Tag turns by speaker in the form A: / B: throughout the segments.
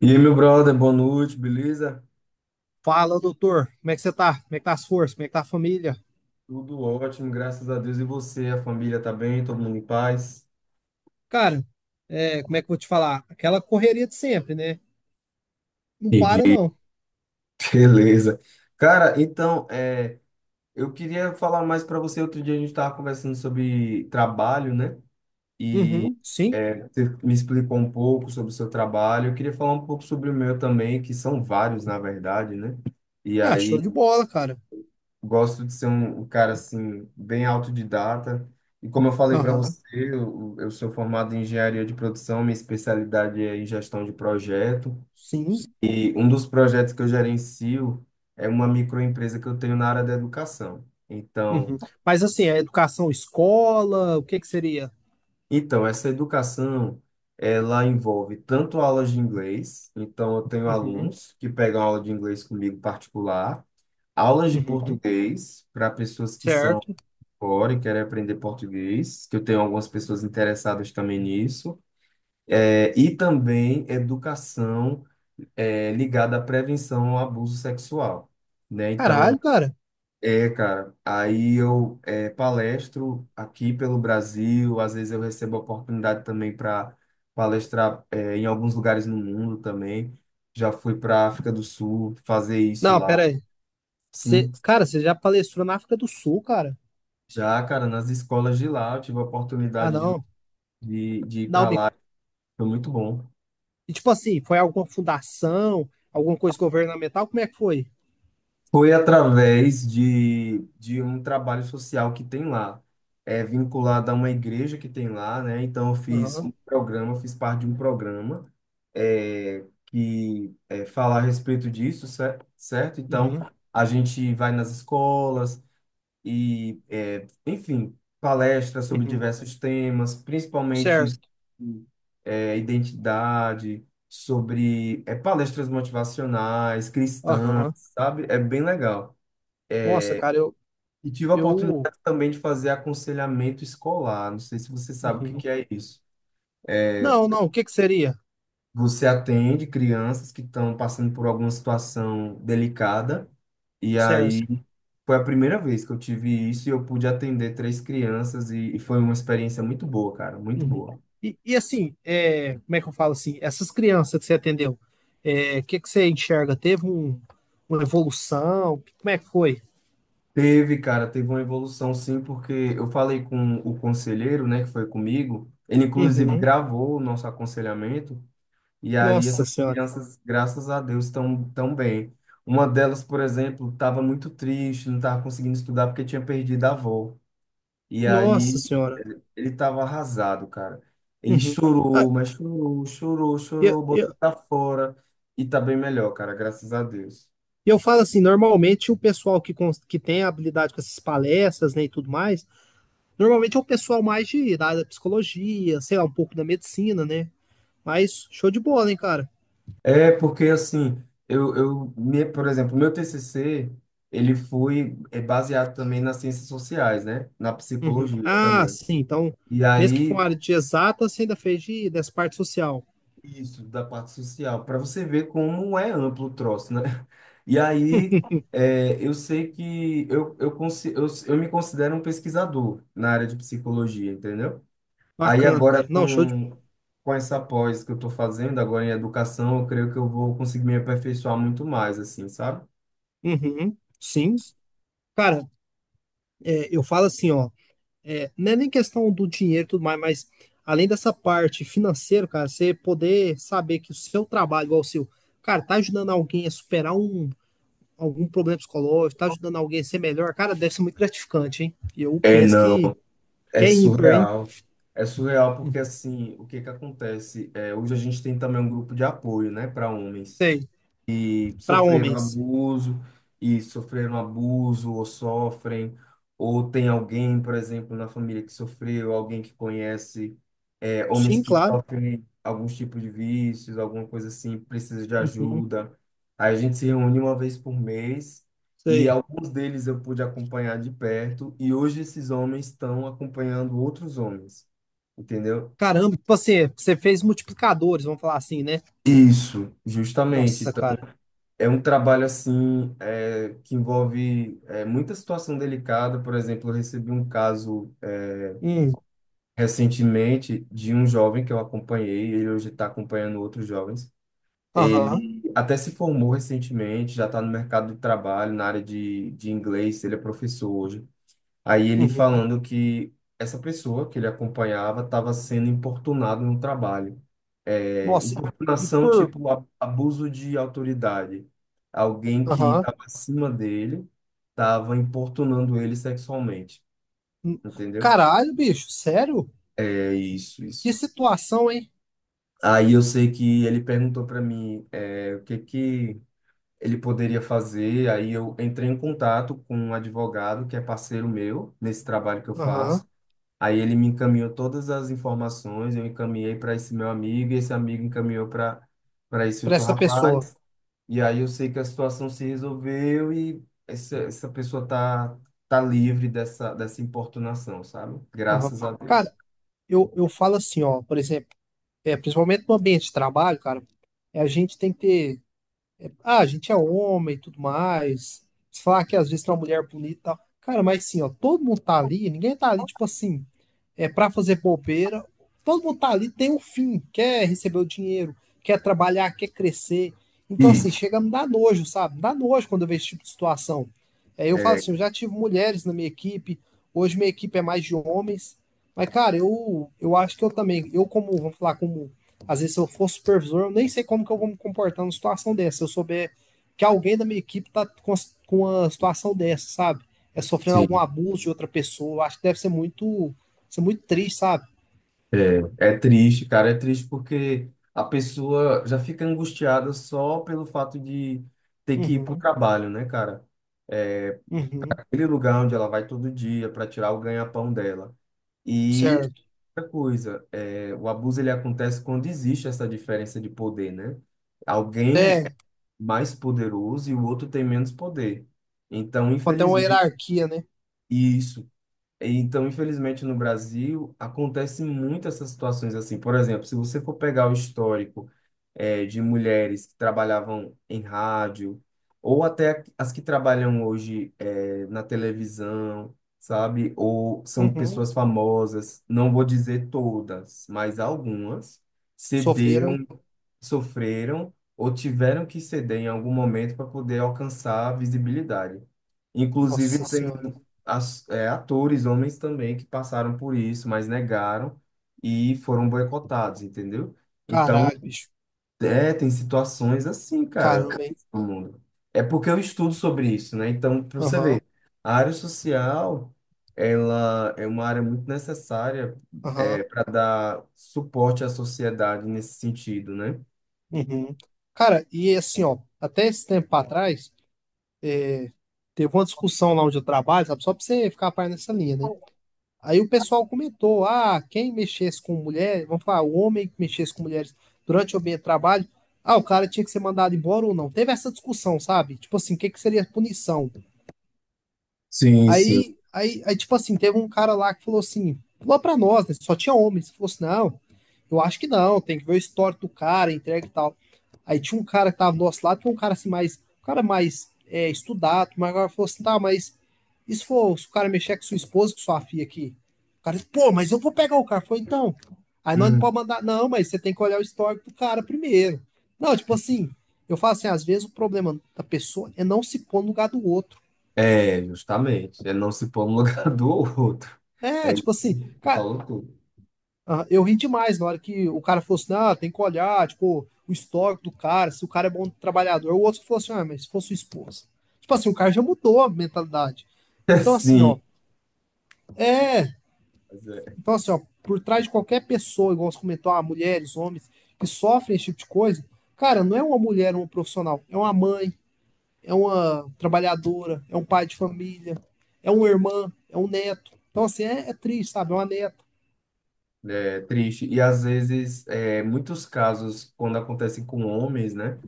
A: E aí, meu brother, boa noite, beleza?
B: Fala, doutor. Como é que você tá? Como é que tá as forças? Como é que tá a família?
A: Tudo ótimo, graças a Deus. E você, a família tá bem, todo mundo em paz?
B: Cara, como é que eu vou te falar? Aquela correria de sempre, né? Não para,
A: Entendi.
B: não.
A: Beleza. Cara, então, eu queria falar mais para você. Outro dia a gente estava conversando sobre trabalho, né? E
B: Uhum, sim.
A: você me explicou um pouco sobre o seu trabalho. Eu queria falar um pouco sobre o meu também, que são vários, na verdade, né? E
B: Ah, show
A: aí
B: de bola, cara.
A: gosto de ser um cara assim bem autodidata. E como eu falei para
B: Aham,
A: você, eu sou formado em engenharia de produção, minha especialidade é em gestão de projeto.
B: sim.
A: E um dos projetos que eu gerencio é uma microempresa que eu tenho na área da educação. Então,
B: Uhum. Mas assim, a educação escola, o que que seria?
A: então essa educação ela envolve tanto aulas de inglês, então eu tenho
B: Uhum,
A: alunos que pegam aula de inglês comigo particular, aulas de
B: uhum.
A: português para pessoas que são
B: Certo.
A: fora, quero aprender português, que eu tenho algumas pessoas interessadas também nisso. É, e também educação ligada à prevenção ao abuso sexual, né? Então,
B: Caralho, cara.
A: cara, aí eu palestro aqui pelo Brasil, às vezes eu recebo a oportunidade também para palestrar em alguns lugares no mundo também. Já fui para África do Sul fazer isso
B: Não,
A: lá.
B: pera aí. Você,
A: Sim,
B: cara, você já palestrou na África do Sul, cara?
A: já, cara, nas escolas de lá eu tive a
B: Ah,
A: oportunidade de,
B: não.
A: de, de ir
B: Não,
A: para
B: me...
A: lá. Foi muito bom.
B: e, tipo assim, foi alguma fundação, alguma coisa governamental? Como é que foi?
A: Foi através de um trabalho social que tem lá, é vinculado a uma igreja que tem lá, né? Então, eu fiz
B: Aham,
A: um programa, fiz parte de um programa que é, fala a respeito disso, certo? Então,
B: uhum,
A: a gente vai nas escolas, e, enfim, palestras sobre
B: uhum.
A: diversos temas, principalmente
B: Certo.
A: sobre, identidade, sobre palestras motivacionais, cristãs,
B: Aham.
A: sabe? É bem legal.
B: Nossa, cara, eu,
A: E tive a
B: eu.
A: oportunidade também de fazer aconselhamento escolar. Não sei se você sabe o que
B: Uhum.
A: que é isso.
B: Não, não, o que que seria?
A: Você atende crianças que estão passando por alguma situação delicada, e aí.
B: Certo.
A: Foi a primeira vez que eu tive isso e eu pude atender três crianças e foi uma experiência muito boa, cara, muito
B: Uhum.
A: boa.
B: E assim, é, como é que eu falo assim? Essas crianças que você atendeu, é, o que que você enxerga? Teve um, uma evolução? Como é que foi?
A: Teve, cara, teve uma evolução sim, porque eu falei com o conselheiro, né, que foi comigo, ele inclusive
B: Uhum.
A: gravou o nosso aconselhamento e aí
B: Nossa
A: essas
B: senhora.
A: crianças, graças a Deus, estão tão bem. Uma delas, por exemplo, estava muito triste, não estava conseguindo estudar porque tinha perdido a avó. E
B: Nossa
A: aí,
B: senhora.
A: ele tava arrasado, cara. Ele
B: Uhum. Ah,
A: chorou, mas chorou, chorou,
B: eu,
A: chorou, botou
B: eu,
A: pra fora. E tá bem melhor, cara, graças a Deus.
B: eu falo assim, normalmente o pessoal que, cons- que tem habilidade com essas palestras, né, e tudo mais, normalmente é o pessoal mais de, da área da psicologia, sei lá, um pouco da medicina, né? Mas show de bola, hein, cara?
A: É, porque assim, por exemplo, meu TCC, ele foi baseado também nas ciências sociais, né? Na
B: Uhum.
A: psicologia
B: Ah,
A: também.
B: sim. Então,
A: E
B: mesmo que for uma
A: aí,
B: área de exata, você ainda fez de, dessa parte social.
A: isso, da parte social, para você ver como é amplo o troço, né? E aí, eu sei que eu me considero um pesquisador na área de psicologia, entendeu? Aí
B: Bacana,
A: agora
B: cara. Não, show de.
A: com essa pós que eu estou fazendo agora em educação, eu creio que eu vou conseguir me aperfeiçoar muito mais, assim, sabe?
B: Uhum. Sim. Cara, eu falo assim, ó. Não é nem questão do dinheiro e tudo mais, mas além dessa parte financeira, cara, você poder saber que o seu trabalho, igual o seu, cara, tá ajudando alguém a superar um, algum problema psicológico, tá ajudando alguém a ser melhor, cara, deve ser muito gratificante, hein?
A: É, não,
B: Que
A: é
B: é ímpar, hein?
A: surreal. É surreal porque, assim, o que que acontece? É, hoje a gente tem também um grupo de apoio, né, para homens,
B: Sei. Pra
A: sofreram
B: homens.
A: abuso e sofreram abuso ou sofrem, ou tem alguém, por exemplo, na família que sofreu, alguém que conhece homens
B: Sim,
A: que
B: claro.
A: sofrem alguns tipos de vícios, alguma coisa assim, precisa de
B: Uhum,
A: ajuda. Aí a gente se reúne uma vez por mês e
B: sei.
A: alguns deles eu pude acompanhar de perto e hoje esses homens estão acompanhando outros homens, entendeu?
B: Caramba, tipo assim, você fez multiplicadores, vamos falar assim, né?
A: Isso, justamente.
B: Nossa, cara.
A: É um trabalho assim que envolve muita situação delicada. Por exemplo, eu recebi um caso
B: Hum,
A: recentemente de um jovem que eu acompanhei. Ele hoje está acompanhando outros jovens.
B: aham,
A: Ele até se formou recentemente, já está no mercado de trabalho, na área de inglês. Ele é professor hoje. Aí ele
B: uhum.
A: falando que essa pessoa que ele acompanhava estava sendo importunado no trabalho. É,
B: Nossa, e
A: importunação
B: por.
A: tipo abuso de autoridade. Alguém que
B: Aham.
A: estava acima dele estava importunando ele sexualmente,
B: Hum.
A: entendeu?
B: Caralho, bicho, sério?
A: É isso,
B: Que
A: isso.
B: situação, hein?
A: Aí eu sei que ele perguntou para mim o que que ele poderia fazer. Aí eu entrei em contato com um advogado que é parceiro meu nesse trabalho que eu faço.
B: Aham,
A: Aí ele me encaminhou todas as informações, eu encaminhei para esse meu amigo, e esse amigo encaminhou para esse
B: pra
A: outro
B: essa pessoa.
A: rapaz. E aí eu sei que a situação se resolveu e essa pessoa tá livre dessa importunação, sabe?
B: Aham.
A: Graças a Deus.
B: Cara, eu falo assim, ó, por exemplo, principalmente no ambiente de trabalho, cara, a gente tem que ter É, Ah, a gente é homem e tudo mais. Se falar que às vezes tem uma mulher bonita e tal. Cara, mas sim, ó, todo mundo tá ali, ninguém tá ali, tipo assim, é pra fazer bobeira. Todo mundo tá ali, tem um fim, quer receber o dinheiro, quer trabalhar, quer crescer. Então, assim,
A: Isso.
B: chega a me dar nojo, sabe? Me dá nojo quando eu vejo esse tipo de situação. É, eu falo
A: É,
B: assim, eu já tive mulheres na minha equipe, hoje minha equipe é mais de homens. Mas, cara, eu acho que eu também, eu como, vamos falar, como às vezes, se eu for supervisor, eu nem sei como que eu vou me comportar numa situação dessa. Se eu souber que alguém da minha equipe tá com uma situação dessa, sabe? É sofrendo algum
A: sim.
B: abuso de outra pessoa. Eu acho que deve ser muito triste, sabe?
A: É, é triste, cara, é triste porque a pessoa já fica angustiada só pelo fato de ter que ir para o
B: Uhum,
A: trabalho, né, cara? É,
B: uhum,
A: aquele lugar onde ela vai todo dia para tirar o ganha-pão dela. E
B: certo.
A: outra coisa, o abuso ele acontece quando existe essa diferença de poder, né? Alguém
B: É,
A: é mais poderoso e o outro tem menos poder. Então,
B: quando tem uma
A: infelizmente,
B: hierarquia, né?
A: isso. Então, infelizmente, no Brasil, acontece muito essas situações assim. Por exemplo, se você for pegar o histórico de mulheres que trabalhavam em rádio, ou até as que trabalham hoje na televisão, sabe? Ou são
B: Uhum.
A: pessoas famosas, não vou dizer todas, mas algumas cederam,
B: Sofreram.
A: sofreram ou tiveram que ceder em algum momento para poder alcançar a visibilidade. Inclusive,
B: Nossa Senhora.
A: atores, homens também, que passaram por isso, mas negaram e foram boicotados, entendeu? Então,
B: Caralho, bicho.
A: tem situações assim, cara,
B: Caramba, hein?
A: no mundo. É porque eu estudo sobre isso, né? Então, para você
B: Aham,
A: ver, a área social, ela é uma área muito necessária
B: aham,
A: para dar suporte à sociedade nesse sentido, né?
B: uhum. Cara, e assim, ó, até esse tempo atrás, teve uma discussão lá onde eu trabalho, sabe? Só pra você ficar a par nessa linha, né? Aí o pessoal comentou: ah, quem mexesse com mulher, vamos falar, o homem que mexesse com mulheres durante o ambiente de trabalho, ah, o cara tinha que ser mandado embora ou não. Teve essa discussão, sabe? Tipo assim, o que que seria punição?
A: Sim, sim.
B: Aí, tipo assim, teve um cara lá que falou assim, falou pra nós, né? Só tinha homens. Falou assim, não, eu acho que não, tem que ver o histórico do cara, entrega e tal. Aí tinha um cara que tava do nosso lado, que é um cara assim mais, um cara mais estudado, mas agora falou assim, tá, mas e se for, se o cara mexer com sua esposa, com sua filha aqui? O cara disse, pô, mas eu vou pegar o cara. Foi então. Aí nós não
A: Hum.
B: pode mandar, não, mas você tem que olhar o histórico do cara primeiro. Não, tipo assim, eu falo assim, às vezes o problema da pessoa é não se pôr no lugar do outro.
A: É, justamente. É não se pôr no lugar do outro.
B: É, tipo assim, cara,
A: Falou tudo.
B: Ah, eu ri demais na hora que o cara falou assim, ah, tem que olhar, tipo, o histórico do cara, se o cara é bom trabalhador. O outro que falou assim, ah, mas se fosse sua esposa. Tipo assim, o cara já mudou a mentalidade. Então, assim, ó,
A: Sim.
B: é. Então, assim, ó, por trás de qualquer pessoa, igual você comentou, ah, mulheres, homens, que sofrem esse tipo de coisa, cara, não é uma mulher, uma profissional, é uma mãe, é uma trabalhadora, é um pai de família, é uma irmã, é um neto. Então, assim, é, é triste, sabe? É uma neta.
A: É triste. E às vezes, muitos casos, quando acontecem com homens, né,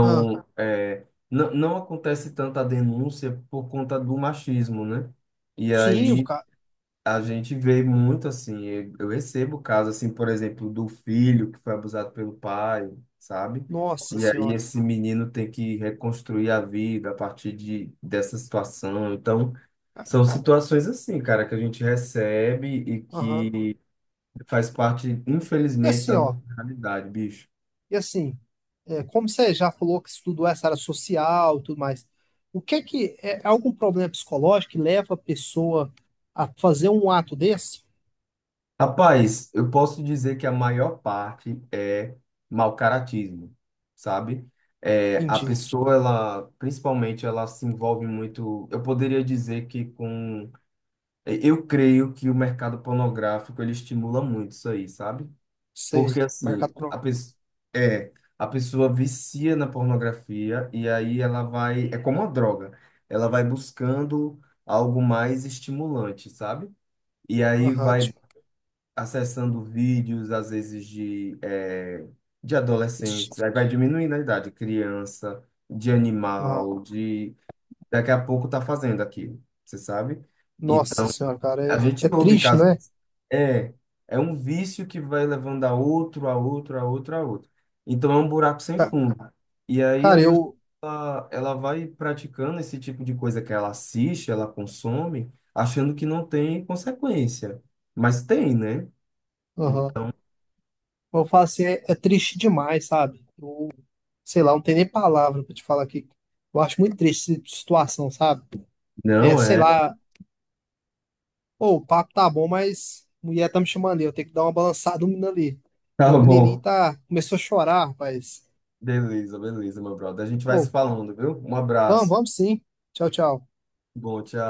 B: Ah,
A: É, não, não acontece tanta denúncia por conta do machismo, né? E
B: sim, o
A: aí
B: cara.
A: a gente vê muito assim. Eu recebo casos, assim, por exemplo, do filho que foi abusado pelo pai, sabe?
B: Nossa
A: E aí
B: senhora.
A: esse menino tem que reconstruir a vida a partir dessa situação. Então, são situações assim, cara, que a gente recebe e
B: Aham.
A: que faz parte,
B: E
A: infelizmente,
B: assim,
A: da
B: ó,
A: nossa realidade, bicho.
B: e assim, é, como você já falou que estudou essa área social e tudo mais, o que é que é algum problema psicológico que leva a pessoa a fazer um ato desse?
A: Rapaz, eu posso dizer que a maior parte é mau caratismo, sabe? É, a
B: Entendi.
A: pessoa, ela, principalmente, ela se envolve muito. Eu poderia dizer que com. Eu creio que o mercado pornográfico ele estimula muito isso aí, sabe?
B: Sei.
A: Porque assim,
B: Mercado pro.
A: é, a pessoa vicia na pornografia e aí ela vai, é como uma droga, ela vai buscando algo mais estimulante, sabe? E aí
B: Aham,
A: vai
B: tipo,
A: acessando vídeos, às vezes, de
B: triste.
A: adolescentes, aí vai diminuindo a idade, criança, de
B: Aham.
A: animal, de. Daqui a pouco tá fazendo aquilo, você sabe?
B: Nossa senhora, cara,
A: A
B: é, é
A: gente ouve
B: triste,
A: casos.
B: né?
A: É, é um vício que vai levando a outro, a outro, a outro, a outro. Então é um buraco sem
B: Ca-
A: fundo. E aí a
B: Cara,
A: pessoa,
B: eu.
A: ela vai praticando esse tipo de coisa que ela assiste, ela consome, achando que não tem consequência. Mas tem, né?
B: Aham.
A: Então,
B: Eu falo assim, é, é triste demais, sabe? Eu- sei lá, não tem nem palavra pra te falar aqui. Eu acho muito triste essa situação, sabe? É,
A: não
B: sei
A: é.
B: lá, Pô, o papo tá bom, mas a mulher tá me chamando ali. Eu tenho que dar uma balançada no menino ali.
A: Tá
B: Meu menininho
A: bom.
B: tá, começou a chorar, rapaz.
A: Beleza, beleza, meu brother. A gente vai se
B: Ô,
A: falando, viu? Um
B: vamos,
A: abraço.
B: vamos sim. Tchau, tchau.
A: Bom, tchau.